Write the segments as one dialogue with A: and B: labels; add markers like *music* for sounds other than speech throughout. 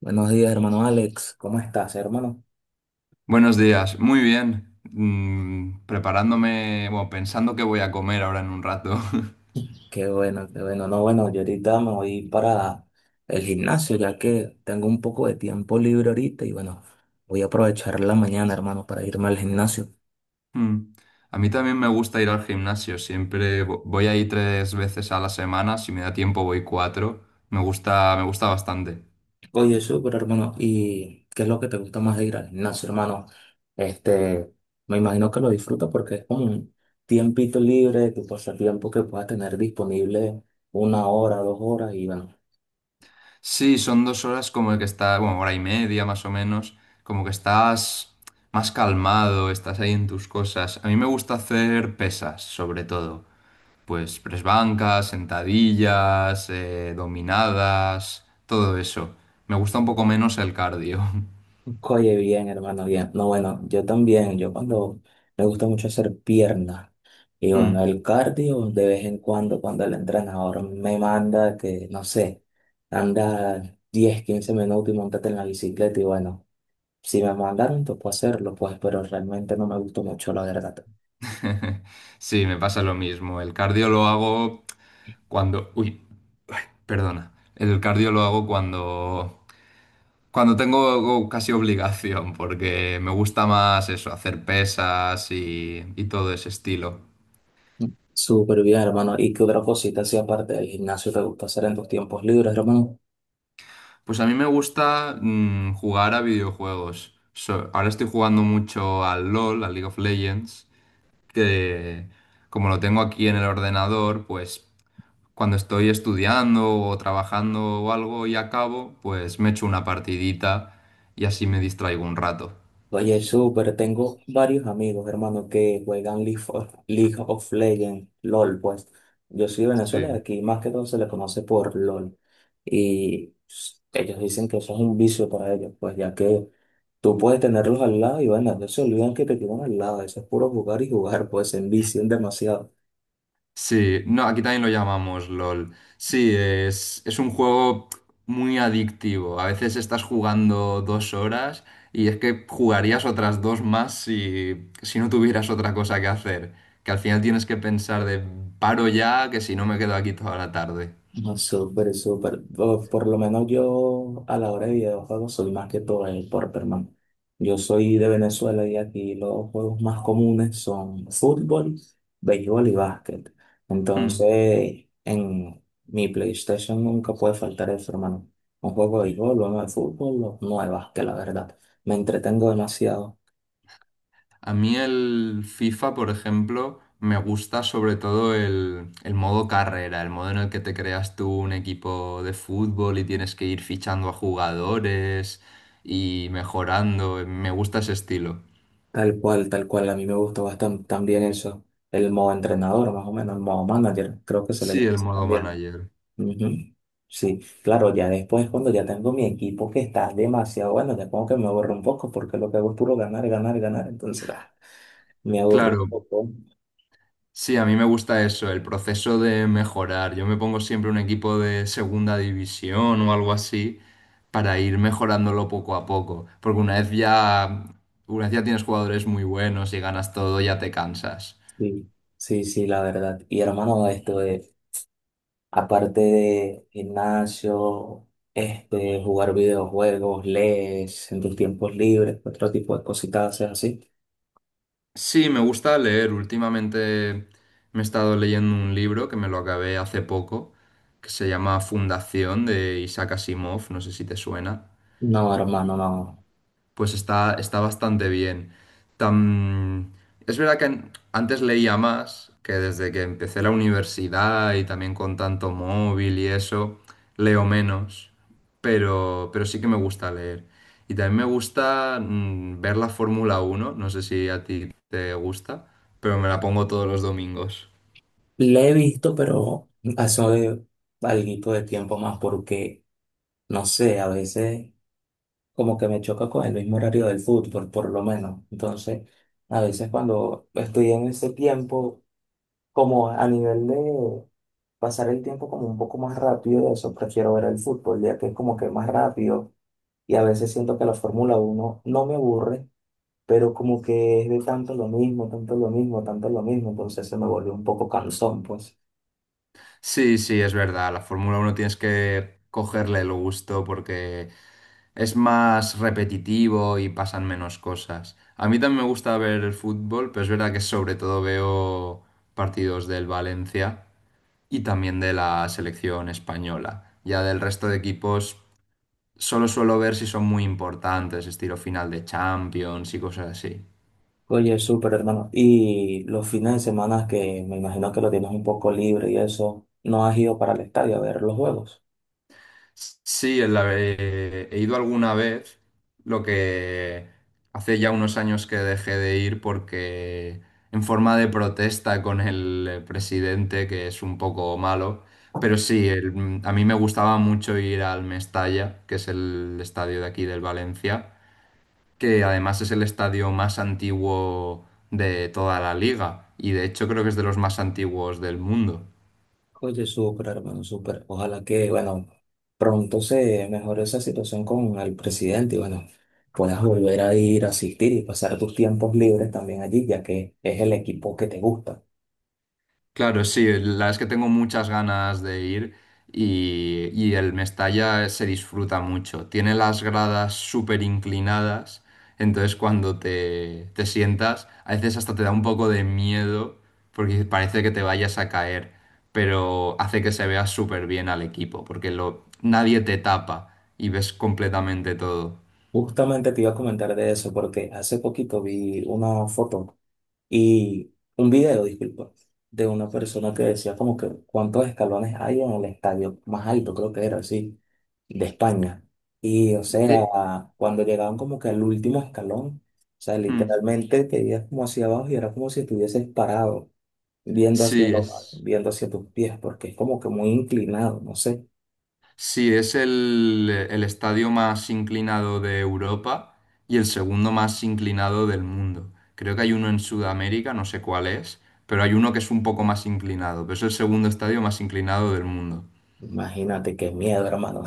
A: Buenos días, hermano Alex. ¿Cómo estás, hermano?
B: Buenos días, muy bien. Preparándome, bueno, pensando qué voy a comer ahora en un rato. *laughs*
A: Qué bueno, qué bueno. No, bueno, yo ahorita me voy para el gimnasio, ya que tengo un poco de tiempo libre ahorita y bueno, voy a aprovechar la mañana, hermano, para irme al gimnasio.
B: Mm. A mí también me gusta ir al gimnasio, siempre voy ahí tres veces a la semana, si me da tiempo voy cuatro. Me gusta bastante.
A: Oye, súper, hermano. ¿Y qué es lo que te gusta más de ir al gimnasio, hermano? Este, me imagino que lo disfrutas porque es como un tiempito libre, tu pasatiempo que puedas tener disponible 1 hora, 2 horas y bueno.
B: Sí, son 2 horas como que está, bueno, hora y media más o menos, como que estás más calmado, estás ahí en tus cosas. A mí me gusta hacer pesas, sobre todo. Pues press bancas, sentadillas, dominadas, todo eso. Me gusta un poco menos el cardio. *laughs*
A: Oye, bien, hermano, bien. No, bueno, yo también, yo cuando me gusta mucho hacer piernas y bueno,
B: Mm.
A: el cardio de vez en cuando, cuando el entrenador me manda que, no sé, anda 10 15 minutos y montate en la bicicleta y bueno, si me mandaron, pues puedo hacerlo, pues, pero realmente no me gustó mucho, la verdad.
B: *laughs* Sí, me pasa lo mismo. El cardio lo hago cuando... Uy, perdona. El cardio lo hago cuando... Cuando tengo casi obligación, porque me gusta más eso, hacer pesas y todo ese estilo.
A: Súper bien, hermano. ¿Y qué otra cosita así aparte del gimnasio te gusta hacer en tus tiempos libres, hermano?
B: Pues a mí me gusta jugar a videojuegos. Ahora estoy jugando mucho al LOL, al League of Legends, que como lo tengo aquí en el ordenador, pues cuando estoy estudiando o trabajando o algo y acabo, pues me echo una partidita y así me distraigo un rato.
A: Oye, súper, tengo varios amigos, hermano, que juegan League of Legends, LOL, pues. Yo soy de Venezuela y
B: Sí.
A: aquí más que todo se le conoce por LOL. Ellos dicen que eso es un vicio para ellos, pues ya que tú puedes tenerlos al lado y bueno, ellos se olvidan que te tienen al lado, eso es puro jugar y jugar, pues se envician demasiado.
B: Sí, no, aquí también lo llamamos LOL. Sí, es un juego muy adictivo. A veces estás jugando 2 horas y es que jugarías otras dos más si no tuvieras otra cosa que hacer. Que al final tienes que pensar de paro ya, que si no me quedo aquí toda la tarde.
A: No, súper, súper. Por lo menos yo a la hora de videojuegos soy más que todo el hermano. Yo soy de Venezuela y aquí los juegos más comunes son fútbol, béisbol y básquet.
B: Hmm.
A: Entonces, en mi PlayStation nunca puede faltar eso, hermano. Un juego de béisbol, uno de fútbol, o uno de básquet, la verdad. Me entretengo demasiado.
B: A mí el FIFA, por ejemplo, me gusta sobre todo el modo carrera, el modo en el que te creas tú un equipo de fútbol y tienes que ir fichando a jugadores y mejorando. Me gusta ese estilo.
A: Tal cual, tal cual. A mí me gusta bastante también eso. El modo entrenador, más o menos, el modo manager, creo que se le
B: Sí,
A: llama
B: el
A: así
B: modo
A: también.
B: manager.
A: Ujú. Sí, claro, ya después cuando ya tengo mi equipo que está demasiado bueno, ya como que me aburro un poco porque lo que hago es puro ganar, ganar, ganar, entonces ah, me aburro un
B: Claro,
A: poco.
B: sí, a mí me gusta eso, el proceso de mejorar. Yo me pongo siempre un equipo de segunda división o algo así para ir mejorándolo poco a poco, porque una vez ya tienes jugadores muy buenos y ganas todo, ya te cansas.
A: Sí, sí, sí, la verdad. Y hermano, esto de, aparte de gimnasio, este, jugar videojuegos, lees en tus tiempos libres, otro tipo de cositas haces así.
B: Sí, me gusta leer. Últimamente me he estado leyendo un libro que me lo acabé hace poco, que se llama Fundación de Isaac Asimov, no sé si te suena.
A: No, hermano, no.
B: Pues está bastante bien. Tam- Es verdad que antes leía más, que desde que empecé la universidad y también con tanto móvil y eso, leo menos, pero sí que me gusta leer. Y también me gusta ver la Fórmula 1, no sé si a ti te gusta, pero me la pongo todos los domingos.
A: Le he visto, pero *laughs* hace algo de tiempo más porque, no sé, a veces, como que me choca con el mismo horario del fútbol, por lo menos. Entonces, a veces cuando estoy en ese tiempo, como a nivel de pasar el tiempo como un poco más rápido, eso prefiero ver el fútbol, ya que es como que más rápido y a veces siento que la Fórmula uno no me aburre, pero como que es de tanto lo mismo, tanto lo mismo, tanto lo mismo, entonces se me volvió un poco cansón, pues.
B: Sí, sí, es verdad. La Fórmula 1 tienes que cogerle el gusto porque es más repetitivo y pasan menos cosas. A mí también me gusta ver el fútbol, pero es verdad que sobre todo veo partidos del Valencia y también de la selección española. Ya del resto de equipos solo suelo ver si son muy importantes, estilo final de Champions y cosas así.
A: Oye, súper hermano. Y los fines de semana que me imagino que lo tienes un poco libre y eso, ¿no has ido para el estadio a ver los juegos?
B: Sí, en he ido alguna vez, lo que hace ya unos años que dejé de ir porque en forma de protesta con el presidente, que es un poco malo, pero sí, a mí me gustaba mucho ir al Mestalla, que es el estadio de aquí del Valencia, que además es el estadio más antiguo de toda la liga y de hecho creo que es de los más antiguos del mundo.
A: Oye, súper, hermano, súper. Ojalá que, bueno, pronto se mejore esa situación con el presidente y, bueno, puedas volver a ir a asistir y pasar tus tiempos libres también allí, ya que es el equipo que te gusta.
B: Claro, sí, la verdad es que tengo muchas ganas de ir y el Mestalla se disfruta mucho. Tiene las gradas súper inclinadas, entonces cuando te sientas, a veces hasta te da un poco de miedo porque parece que te vayas a caer, pero hace que se vea súper bien al equipo porque nadie te tapa y ves completamente todo.
A: Justamente te iba a comentar de eso, porque hace poquito vi una foto y un video, disculpa, de una persona que decía como que cuántos escalones hay en el estadio más alto, creo que era así, de España. Y, o
B: Eh,
A: sea, cuando llegaban como que al último escalón, o sea,
B: hmm,
A: literalmente te veías como hacia abajo y era como si estuvieses parado, viendo hacia
B: sí,
A: abajo,
B: es.
A: viendo hacia tus pies, porque es como que muy inclinado, no sé.
B: Sí, es el estadio más inclinado de Europa y el segundo más inclinado del mundo. Creo que hay uno en Sudamérica, no sé cuál es, pero hay uno que es un poco más inclinado, pero es el segundo estadio más inclinado del mundo.
A: Imagínate qué miedo, hermano.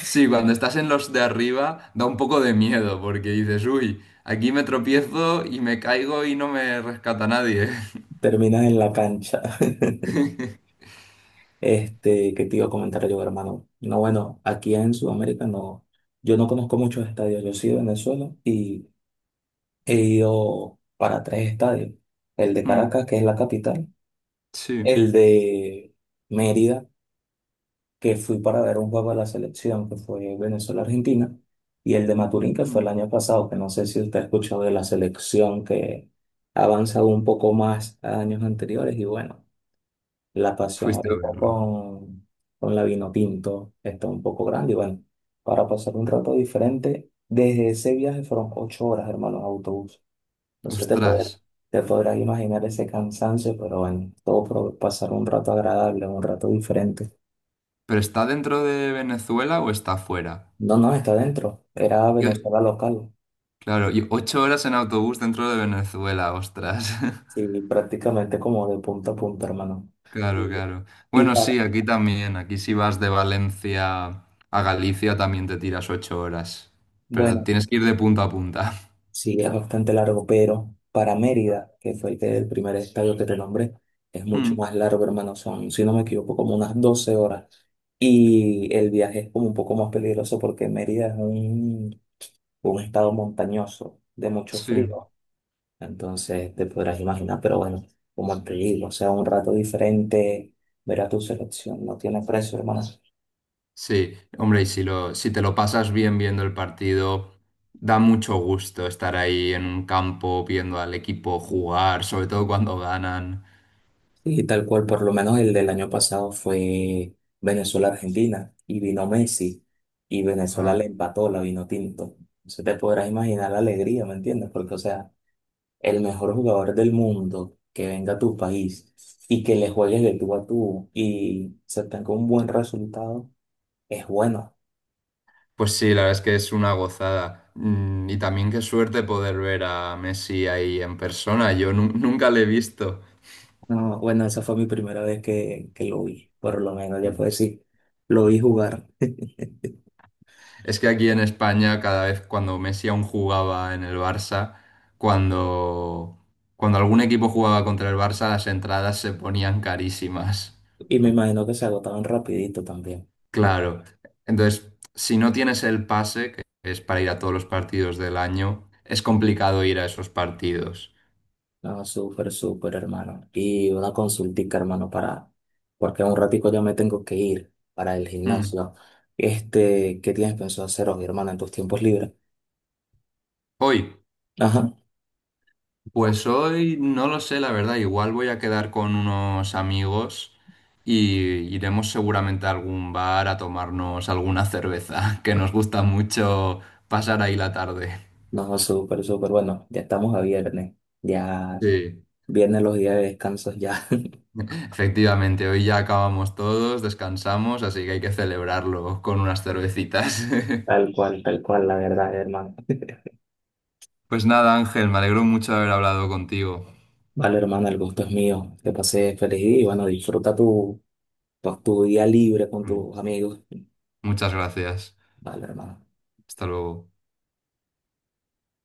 B: Sí, cuando estás en los de arriba da un poco de miedo porque dices, uy, aquí me tropiezo y me caigo y no me rescata nadie. *laughs*
A: *laughs* Terminas en la cancha. Este, ¿qué te iba a comentar yo, hermano? No, bueno, aquí en Sudamérica no, yo no conozco muchos estadios. Yo soy de Venezuela y he ido para tres estadios. El de
B: Mm,
A: Caracas, que es la capital,
B: Sí,
A: el de Mérida, que fui para ver un juego de la selección, que fue Venezuela-Argentina, y el de Maturín, que fue
B: Mm.
A: el año pasado, que no sé si usted ha escuchado de la selección, que ha avanzado un poco más a años anteriores, y bueno, la pasión
B: Fuiste a
A: ahorita
B: verlo.
A: con la vino tinto está un poco grande, y bueno, para pasar un rato diferente, desde ese viaje fueron 8 horas, hermano, en autobús. No sé, te
B: Ostras,
A: podrás, te podrás imaginar ese cansancio, pero bueno, todo por pasar un rato agradable, un rato diferente.
B: ¿pero está dentro de Venezuela o está fuera?
A: No, no, está adentro. Era
B: Yo-
A: Venezuela local.
B: Claro, y 8 horas en autobús dentro de Venezuela, ostras. *laughs*
A: Sí, prácticamente como de punta a punta, hermano. Y,
B: Claro, claro.
A: y
B: Bueno,
A: para,
B: sí, aquí también. Aquí si vas de Valencia a Galicia también te tiras 8 horas. Pero
A: bueno,
B: tienes que ir de punta a punta. *laughs*
A: sí, es bastante largo, pero para Mérida, que fue el, que- el primer estadio que te nombré, es mucho
B: Mm,
A: más largo, hermano. Son, si no me equivoco, como unas 12 horas. Y el viaje es como un poco más peligroso porque Mérida es un estado montañoso, de mucho
B: sí.
A: frío. Entonces te podrás imaginar, pero bueno, como te digo, o sea, un rato diferente, ver a tu selección, no tiene precio, hermano.
B: Sí, hombre, y si te lo pasas bien viendo el partido, da mucho gusto estar ahí en un campo viendo al equipo jugar, sobre todo cuando ganan.
A: Y tal cual, por lo menos el del año pasado fue Venezuela-Argentina y vino Messi y Venezuela le
B: Ah.
A: empató la vino tinto. Entonces te podrás imaginar la alegría, ¿me entiendes? Porque, o sea, el mejor jugador del mundo que venga a tu país y que le juegues de tú a tú y se tenga un buen resultado, es bueno.
B: Pues sí, la verdad es que es una gozada. Y también qué suerte poder ver a Messi ahí en persona. Yo nunca le he visto.
A: No, bueno, esa fue mi primera vez que lo vi, por lo menos, ya puedo
B: Mm.
A: decir, lo vi jugar. *laughs*
B: Es que aquí en España, cada vez cuando Messi aún jugaba en el Barça, cuando, cuando algún equipo jugaba contra el Barça, las entradas se ponían carísimas.
A: Y me imagino que se agotaban rapidito también. Me-
B: Claro. Entonces, si no tienes el pase, que es para ir a todos los partidos del año, es complicado ir a esos partidos.
A: No, súper, súper, hermano. Y una consultica, hermano, para, porque en un ratico ya me tengo que ir para el
B: Mm.
A: gimnasio. Este, ¿qué tienes pensado hacer hoy, hermano, en tus tiempos libres?
B: Hoy.
A: Ajá,
B: Pues hoy no lo sé, la verdad. Igual voy a quedar con unos amigos y iremos seguramente a algún bar a tomarnos alguna cerveza, *laughs* que nos gusta mucho pasar ahí la tarde.
A: no, súper, súper, bueno, ya estamos a viernes. Ya,
B: Sí.
A: viernes los días de descanso, ya.
B: Efectivamente, hoy ya acabamos todos, descansamos, así que hay que celebrarlo con unas cervecitas. *laughs*
A: Tal cual, la verdad, hermano.
B: Pues nada, Ángel, me alegro mucho de haber hablado contigo.
A: Vale, hermana, el gusto es mío. Que pases feliz día y bueno, disfruta tu día libre con
B: Mm.
A: tus amigos.
B: Muchas gracias.
A: Vale, hermano.
B: Hasta luego.